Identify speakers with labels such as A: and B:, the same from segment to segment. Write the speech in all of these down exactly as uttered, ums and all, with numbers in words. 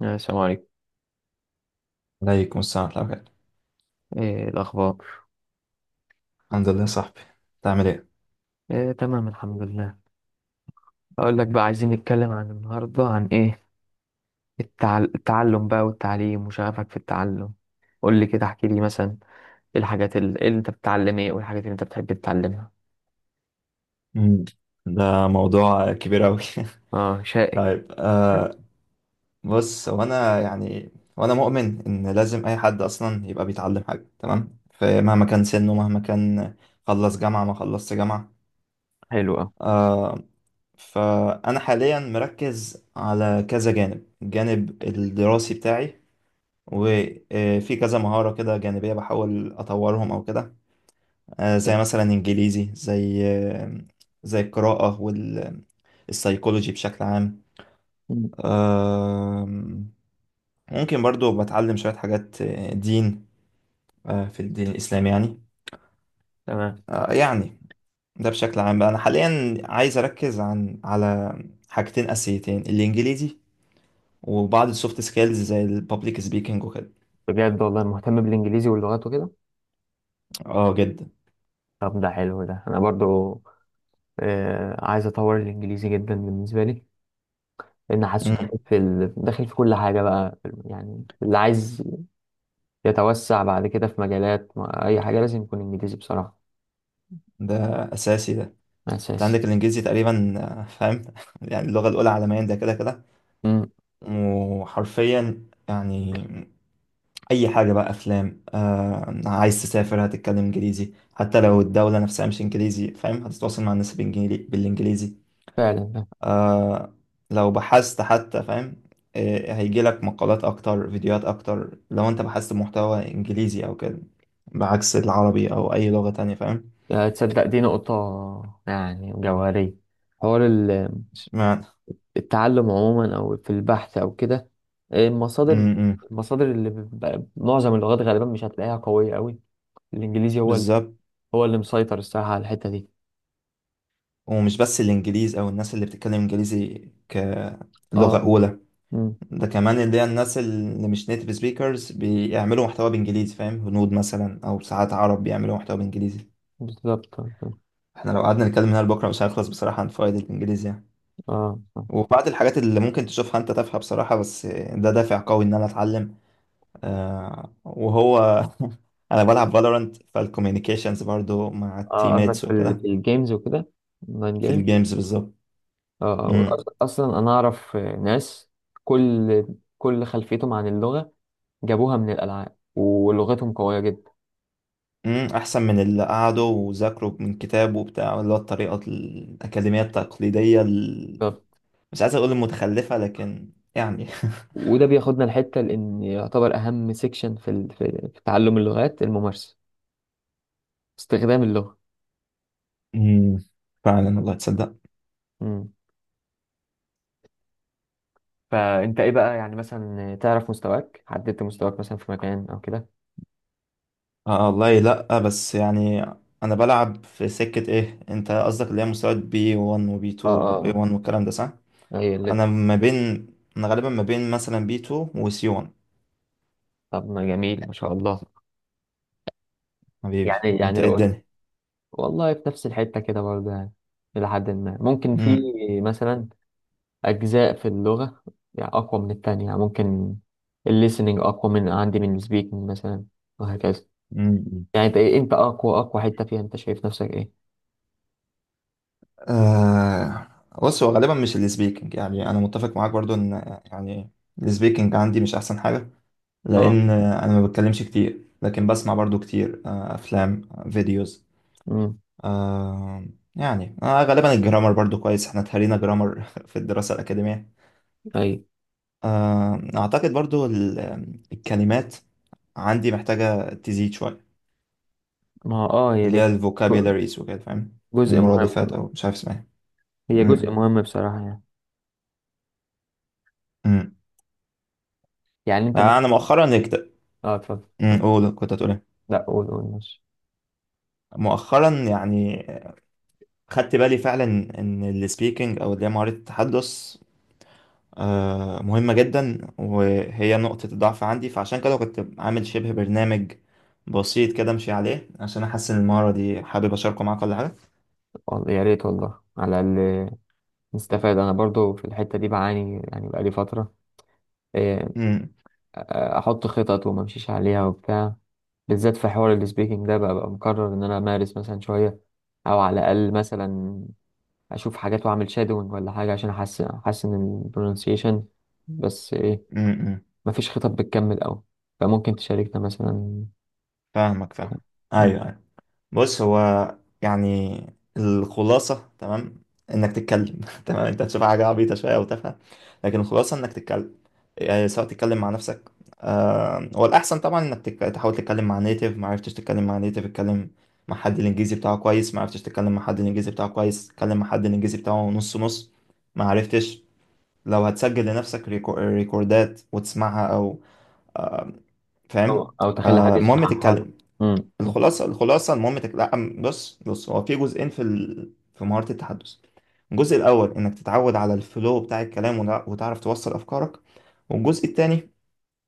A: يا السلام عليكم.
B: عليكم السلام ورحمة الله وبركاته.
A: ايه الاخبار؟
B: الحمد لله يا صاحبي. تعمل ايه؟
A: إيه تمام الحمد لله. اقول لك بقى، عايزين نتكلم عن النهارده عن ايه، التع... التعلم بقى والتعليم وشغفك في التعلم. قول لي كده، احكي لي مثلا إيه الحاجات ال- إيه اللي انت بتتعلم ايه، والحاجات اللي انت بتحب تتعلمها.
B: مم. ده موضوع كبير أوي.
A: اه، شائك.
B: طيب آه بص، هو أنا يعني، وأنا مؤمن إن لازم أي حد أصلا يبقى بيتعلم حاجة، تمام، فمهما كان سنه مهما كان، خلص جامعة ما خلصت جامعة.
A: حلو أوي.
B: آه فأنا حاليا مركز على كذا جانب، الجانب الدراسي بتاعي، وفي كذا مهارة كده جانبية بحاول أطورهم أو كده. آه، زي مثلا انجليزي، زي آه، زي القراءة والسايكولوجي بشكل عام.
A: مم.
B: آم، ممكن برضو بتعلم شوية حاجات، آه، دين، آه، في الدين الإسلامي يعني.
A: تمام.
B: آه، يعني ده بشكل عام بقى، أنا حاليا عايز أركز عن على حاجتين أساسيتين: الإنجليزي وبعض السوفت سكيلز زي البابليك سبيكنج وكده.
A: بجد والله مهتم بالانجليزي واللغات وكده؟
B: اه جدا.
A: طب ده حلو، ده انا برضو آه عايز اطور الانجليزي جدا بالنسبه لي، لان حاسه
B: مم.
A: داخل في ال... داخل في كل حاجه بقى. يعني اللي عايز يتوسع بعد كده في مجالات ما- أي حاجة لازم يكون إنجليزي بصراحة.
B: ده أساسي ده. انت
A: أساسي.
B: عندك الإنجليزي تقريبا، آه، فاهم، يعني اللغة الأولى عالميا، ده كده كده
A: مم.
B: وحرفيا يعني اي حاجه بقى، افلام، آه عايز تسافر هتتكلم انجليزي، حتى لو الدوله نفسها مش انجليزي، فاهم، هتتواصل مع الناس بالإنجلي- بالانجليزي.
A: فعلا.
B: آه لو بحثت حتى، فاهم، آه هيجي لك مقالات اكتر، فيديوهات اكتر لو انت بحثت بمحتوى انجليزي او كده، بعكس العربي او اي لغه تانية، فاهم.
A: آه، تصدق دي نقطة يعني جوهرية. حوار ال-
B: اشمعنى؟
A: التعلم عموما أو في البحث أو كده، آه،
B: م-
A: المصادر،
B: م.
A: المصادر اللي بيبقى- معظم اللغات غالبا مش هتلاقيها قوية قوي. الإنجليزي هو ال-
B: بالظبط.
A: هو اللي مسيطر الصراحة على الحتة دي.
B: ومش بس الانجليز او الناس اللي بتتكلم انجليزي كلغه
A: اه.
B: اولى،
A: مم.
B: ده كمان اللي هي الناس اللي مش نيتيف سبيكرز بيعملوا محتوى بانجليزي، فاهم، هنود مثلا او ساعات عرب بيعملوا محتوى بانجليزي.
A: بالظبط. اه.
B: احنا لو قعدنا نتكلم هنا لبكره مش هنخلص بصراحه عن فوائد الانجليزي يعني.
A: اه.
B: وبعض الحاجات اللي ممكن تشوفها انت تافهه بصراحه، بس ده دافع قوي ان انا اتعلم. آه وهو انا بلعب فالورانت، فالكوميونيكيشنز برضو مع
A: آه، قصدك
B: التيميتس
A: في
B: وكده.
A: الجيمز وكده،
B: في
A: اونلاين.
B: الجيمز بالظبط.
A: آه،
B: امم،
A: وأص- اصلا انا اعرف ناس كل كل خلفيتهم عن اللغه جابوها من الالعاب ولغتهم قويه جدا.
B: امم، احسن من اللي قعدوا وذاكروا من كتاب وبتاع، اللي هو الطريقه الاكاديميه التقليديه،
A: طب،
B: مش عايز اقول متخلفة لكن يعني.
A: وده بياخدنا لحته، لان يعتبر اهم سيكشن في ال- في في تعلم اللغات الممارسه، استخدام اللغه.
B: مم. فعلا والله تصدق.
A: مم. فانت ايه بقى يعني، مثلا تعرف مستواك، حددت مستواك مثلا في مكان او كده؟
B: آه والله لا، بس يعني انا بلعب في سكة. ايه انت قصدك اللي هي مستويات بي وان وبي تو
A: اه
B: واي
A: اه.
B: وان والكلام ده؟ صح.
A: اه اي اللي.
B: انا ما بين انا غالبا ما بين مثلا بي تو وسي وان.
A: طب ما جميل، ما شاء الله.
B: حبيبي
A: يعني يعني
B: انت ايه
A: لو قلت
B: الدنيا.
A: والله في نفس الحته كده برضه يعني، الى حد ما. ممكن في
B: امم.
A: مثلا أجزاء في اللغة يعني أقوى من التانية. يعني ممكن الليسننج أقوى من عندي من السبيكنج مثلا، وهكذا.
B: مم.
A: يعني أنت إيه، أنت أقوى أقوى حتة فيها أنت شايف نفسك إيه؟
B: آه بص، هو غالبا مش السبيكنج، يعني انا متفق معاك برضو ان، يعني، السبيكنج عندي مش احسن حاجة،
A: أه.
B: لان انا ما بتكلمش كتير، لكن بسمع برضو كتير، آه، افلام، آه، فيديوز،
A: أمم.
B: آه، يعني آه، غالبا الجرامر برضو كويس، احنا اتهرينا جرامر في الدراسة الأكاديمية.
A: أيوة.
B: آه، اعتقد برضو ال- الكلمات عندي محتاجة تزيد شوية،
A: ما هو أه، هي
B: اللي
A: دي.
B: هي الفوكابيلاريز وكده، فاهم،
A: جزء
B: المرادفات
A: مهم.
B: او مش عارف اسمها إيه.
A: هي جزء
B: مم.
A: مهم بصراحة يعني.
B: مم.
A: يعني أنت
B: يعني انا
A: مثلا.
B: مؤخرا كت...
A: أه، اتفضل.
B: مم، قول، كنت هتقول ايه؟
A: لا، قول قول، ماشي.
B: مؤخرا يعني خدت بالي فعلا ان السبيكنج او اللي هي مهارة التحدث، آه، مهمة جدا، وهي نقطة ضعف عندي، فعشان كده كنت عامل شبه برنامج بسيط كده امشي عليه عشان احسن المهارة دي. حابب اشاركه معاك ولا حاجة؟
A: والله يا ريت، والله على الأقل نستفاد. أنا برضو في الحتة دي بعاني، يعني بقالي فترة آه،
B: امم،
A: احط خطط وما امشيش عليها وبتاع، بالذات في حوار السبيكنج ده بقى, بقى مقرر ان انا امارس مثلا شويه، او على الاقل مثلا اشوف حاجات واعمل شادوينج ولا حاجه عشان احسن احسن البرونسيشن. بس ايه،
B: امم،
A: مفيش خطط بتكمل قوي. فممكن تشاركنا مثلا،
B: فاهمك، فاهم، ايوه، أيوة. بص، هو يعني الخلاصة، تمام، انك تتكلم. تمام، انت هتشوف حاجة عبيطة شوية او تافهة، لكن الخلاصة انك تتكلم، يعني سواء تتكلم مع نفسك. آه هو الأحسن طبعا انك تك... تحاول تتكلم مع نيتيف، ما عرفتش تتكلم مع نيتيف، اتكلم مع حد الإنجليزي بتاعه كويس، ما عرفتش تتكلم مع حد الإنجليزي بتاعه كويس، اتكلم مع حد الإنجليزي بتاعه نص نص، ما عرفتش، لو هتسجل لنفسك ريكو... ريكوردات وتسمعها، أو
A: او
B: فاهم،
A: أو تخلي حد
B: آه المهم
A: يصححها لنا.
B: تتكلم.
A: امم.
B: الخلاصه الخلاصه المهم تك... لا، بص، بص، هو في جزئين، في ال... في مهاره التحدث: الجزء الاول انك تتعود على الفلو بتاع الكلام وتع- وتعرف توصل افكارك، والجزء الثاني،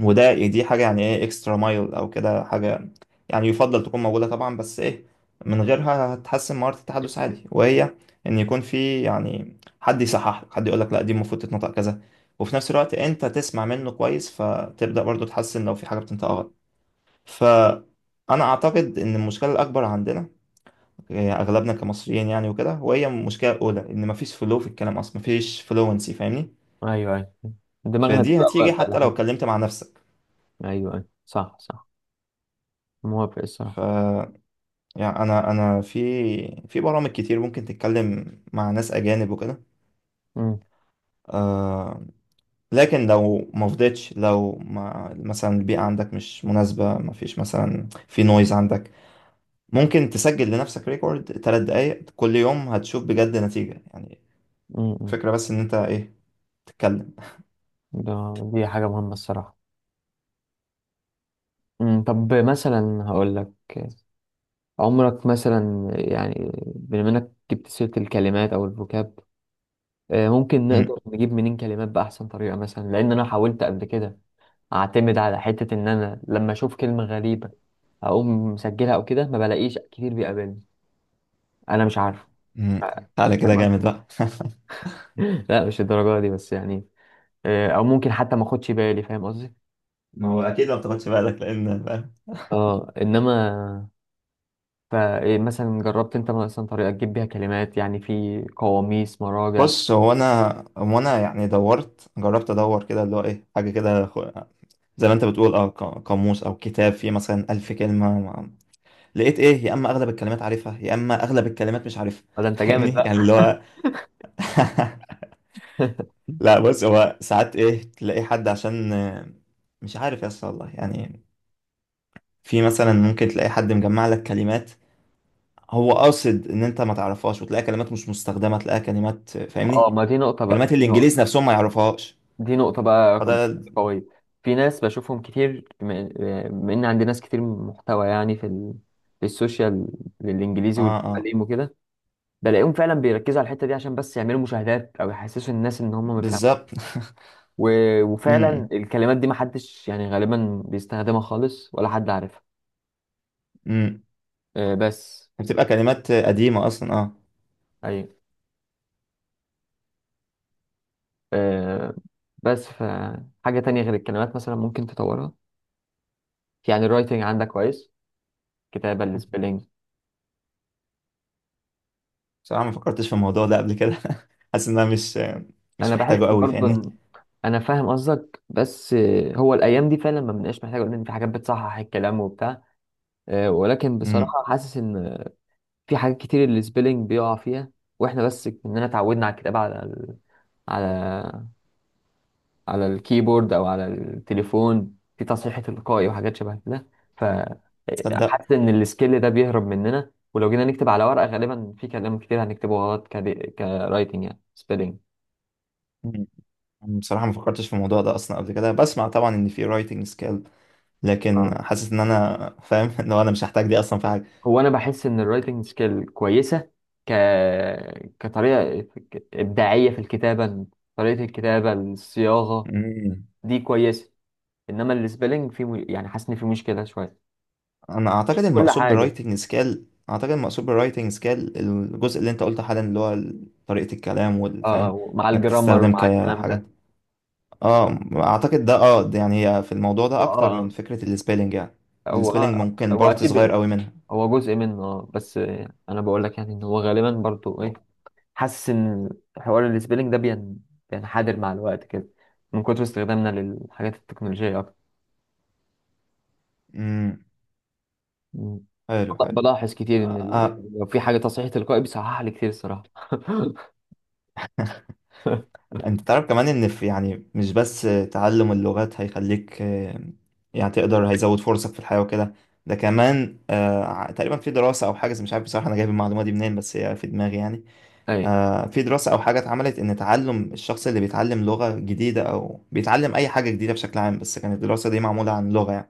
B: وده يعني دي حاجه يعني ايه اكسترا مايل او كده حاجه، يعني يفضل تكون موجوده طبعا، بس ايه، من غيرها هتحسن مهاره التحدث عادي، وهي ان يكون في يعني حد يصحح لك، حد يقول لك لا دي المفروض تتنطق كذا، وفي نفس الوقت انت تسمع منه كويس، فتبدا برضو تحسن لو في حاجه بتنطقها غلط. فأنا أعتقد إن المشكلة الأكبر عندنا، آه، أغلبنا كمصريين يعني وكده، وهي المشكلة الأولى إن مفيش فلو في الكلام أصلا، مفيش فلوينسي، فاهمني،
A: ايوه، ايوه. دماغنا
B: فدي
A: بتبقى
B: هتيجي
A: واقفه
B: حتى لو
A: لحد.
B: اتكلمت مع نفسك.
A: ايوه، ايوه، صح، صح. موافق الصراحه.
B: ف يعني أنا أنا في في برامج كتير ممكن تتكلم مع ناس أجانب وكده.
A: امم.
B: آه لكن لو ما فضيتش، لو ما مثلا البيئة عندك مش مناسبة، مفيش مثلا في نويز عندك، ممكن تسجل لنفسك ريكورد تلات دقايق كل يوم، هتشوف بجد نتيجة يعني.
A: امم.
B: الفكرة بس ان انت ايه، تتكلم.
A: ده دي حاجه مهمه الصراحه. مم، طب مثلا هقول لك، عمرك مثلا، يعني بما انك جبت سيرة الكلمات او الفوكاب، آه، ممكن
B: م-
A: نقدر نجيب منين كلمات بأحسن طريقة مثلا؟ لأن أنا حاولت قبل كده أعتمد على حتة إن أنا لما أشوف كلمة غريبة أقوم مسجلها أو كده، ما بلاقيش كتير بيقابلني. أنا مش عارف.
B: م.
A: آه،
B: تعالى كده
A: فاهم
B: جامد
A: قصدي؟
B: بقى.
A: لا مش الدرجة دي بس يعني، آه، أو ممكن حتى ما أخدش بالي. فاهم قصدي؟
B: ما هو اكيد لو تاخدش بالك لان فاهم.
A: اه، انما فمثلا جربت انت مثلا طريقة تجيب بيها كلمات، يعني في قواميس، مراجع؟
B: بص هو انا هو انا يعني دورت، جربت ادور كده، اللي هو ايه حاجه كده خ- زي ما انت بتقول اه ق- قاموس او كتاب فيه مثلا ألف كلمه ما- لقيت ايه، يا اما اغلب الكلمات عارفها يا اما اغلب الكلمات مش عارفها.
A: ولا انت جامد
B: فاهمني يعني اللي
A: بقى؟
B: هو لا، بص، هو ساعات ايه تلاقي حد عشان، آه، مش عارف يا اسطى والله يعني، في مثلا ممكن تلاقي حد مجمع لك كلمات هو قاصد ان انت ما تعرفهاش، وتلاقي كلمات مش مستخدمه، تلاقي كلمات،
A: اه،
B: فاهمني،
A: ما دي نقطة
B: كلمات
A: بقى، دي نقطة،
B: الانجليز نفسهم ما يعرفهاش،
A: دي نقطة بقى
B: فده
A: قوية. في ناس بشوفهم كتير، بما بما ان عندي ناس كتير محتوى يعني في ال... في السوشيال للانجليزي
B: اه اه
A: والتعليم وكده، بلاقيهم فعلا بيركزوا على الحتة دي عشان بس يعملوا مشاهدات او يحسسوا الناس ان هم مفهمين.
B: بالظبط.
A: و...
B: امم،
A: وفعلا الكلمات دي محدش يعني غالبا بيستخدمها خالص ولا حد عارفها.
B: امم،
A: آه، بس
B: بتبقى كلمات قديمه اصلا اه.
A: أيوة. آه، بس فحاجة تانية غير الكلمات مثلا ممكن تطورها، يعني الرايتنج عندك كويس، كتابة السبيلنج.
B: بصراحه ما فكرتش في الموضوع ده قبل كده. حاسس ان انا مش
A: أنا
B: مش
A: بحس
B: محتاجه قوي،
A: برضه
B: فاهمني.
A: إن، أنا فاهم قصدك بس آه، هو الأيام دي فعلا ما بنبقاش محتاج، لأن في حاجات بتصحح الكلام وبتاع، آه، ولكن
B: امم،
A: بصراحة حاسس إن في حاجات كتير السبيلنج بيقع فيها. وإحنا بس إننا اتعودنا على الكتابة على ال- على على الكيبورد او على التليفون، في تصحيح تلقائي وحاجات شبه كده. ف،
B: تصدق.
A: حاسس ان السكيل ده بيهرب مننا، ولو جينا نكتب على ورقه غالبا في كلام كتير هنكتبه غلط، كدي... كرايتنج يعني سبيلنج.
B: مم. بصراحه ما فكرتش في الموضوع ده اصلا قبل كده، بسمع طبعا ان في رايتنج سكيل، لكن
A: آه.
B: حاسس ان انا فاهم. لو انا مش هحتاج دي اصلا في حاجه.
A: هو انا بحس ان الرايتنج سكيل كويسه، ك كطريقه ابداعيه في الكتابه، طريقه الكتابه، الصياغه
B: مم.
A: دي كويسه. انما السبيلنج في م... يعني حاسس ان في مشكله شويه.
B: انا
A: مش
B: اعتقد
A: في كل
B: المقصود
A: حاجه،
B: بالرايتنج سكيل، اعتقد المقصود بالرايتنج سكيل الجزء اللي انت قلته حالا، اللي هو ال- طريقة الكلام والفهم،
A: اه، مع
B: انك
A: الجرامر
B: تستخدم
A: مع الكلام
B: كحاجات.
A: ده.
B: اه اعتقد ده، اه ده يعني هي في الموضوع ده اكتر من
A: اه،
B: فكرة السبيلنج يعني.
A: هو
B: السبيلنج
A: اه
B: ممكن
A: هو
B: بارت
A: اكيد،
B: صغير قوي منها.
A: هو جزء منه اه. بس آه، انا بقول لك، يعني ان هو غالبا برضو ايه، حاسس ان حوار السبيلنج ده بين بينحدر مع الوقت كده من كتر استخدامنا للحاجات التكنولوجية اكتر.
B: امم،
A: مم.
B: حلو، حلو.
A: بلاحظ كتير ان
B: آه،
A: ال...
B: آه.
A: لو في حاجة تصحيح تلقائي بيصحح لي كتير الصراحة.
B: انت تعرف كمان ان في يعني مش بس تعلم اللغات هيخليك، آه، يعني تقدر، هيزود فرصك في الحياة وكده، ده كمان، آه، ع- تقريبا في دراسة او حاجة مش عارف بصراحة انا جايب المعلومة دي منين، بس هي في دماغي يعني.
A: اي.
B: آه، في دراسة او حاجة اتعملت ان تعلم الشخص اللي بيتعلم لغة جديدة او بيتعلم اي حاجة جديدة بشكل عام، بس كانت الدراسة دي معمولة عن لغة يعني،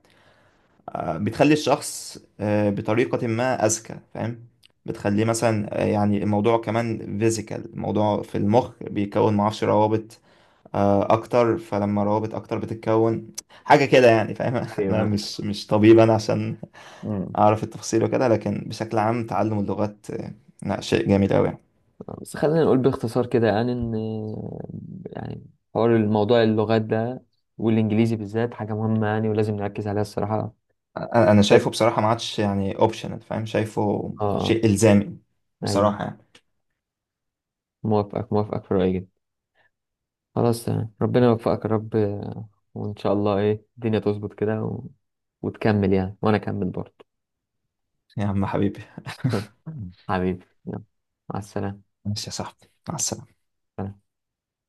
B: آه، بتخلي الشخص، آه، بطريقة ما اذكى، فاهم، بتخليه مثلا، آه، يعني الموضوع كمان فيزيكال، الموضوع في المخ بيكون معرفش روابط، آه، اكتر، فلما روابط اكتر بتتكون، حاجه كده يعني، فاهم. انا
A: ايوه.
B: مش مش طبيب انا عشان
A: مم.
B: اعرف التفاصيل وكده، لكن بشكل عام تعلم اللغات، آه، لا شيء جميل قوي يعني.
A: بس خلينا نقول باختصار كده، يعني ان، يعني حوار الموضوع اللغات ده والانجليزي بالذات حاجة مهمة يعني، ولازم نركز عليها الصراحة.
B: انا أنا شايفه
A: بالذات-.
B: بصراحه ما عادش يعني اوبشنال، فاهم، شايفه
A: اه.
B: شيء الزامي
A: ايوه،
B: بصراحه يعني.
A: موافقك، موافقك في رأيي جدا. خلاص تمام. ربنا يوفقك يا رب، آه، وان شاء الله ايه الدنيا تظبط كده و... وتكمل يعني، وانا اكمل برضه.
B: يا عم حبيبي.
A: حبيبي يلا، مع السلامة.
B: ماشي يا صاحبي، مع السلامه.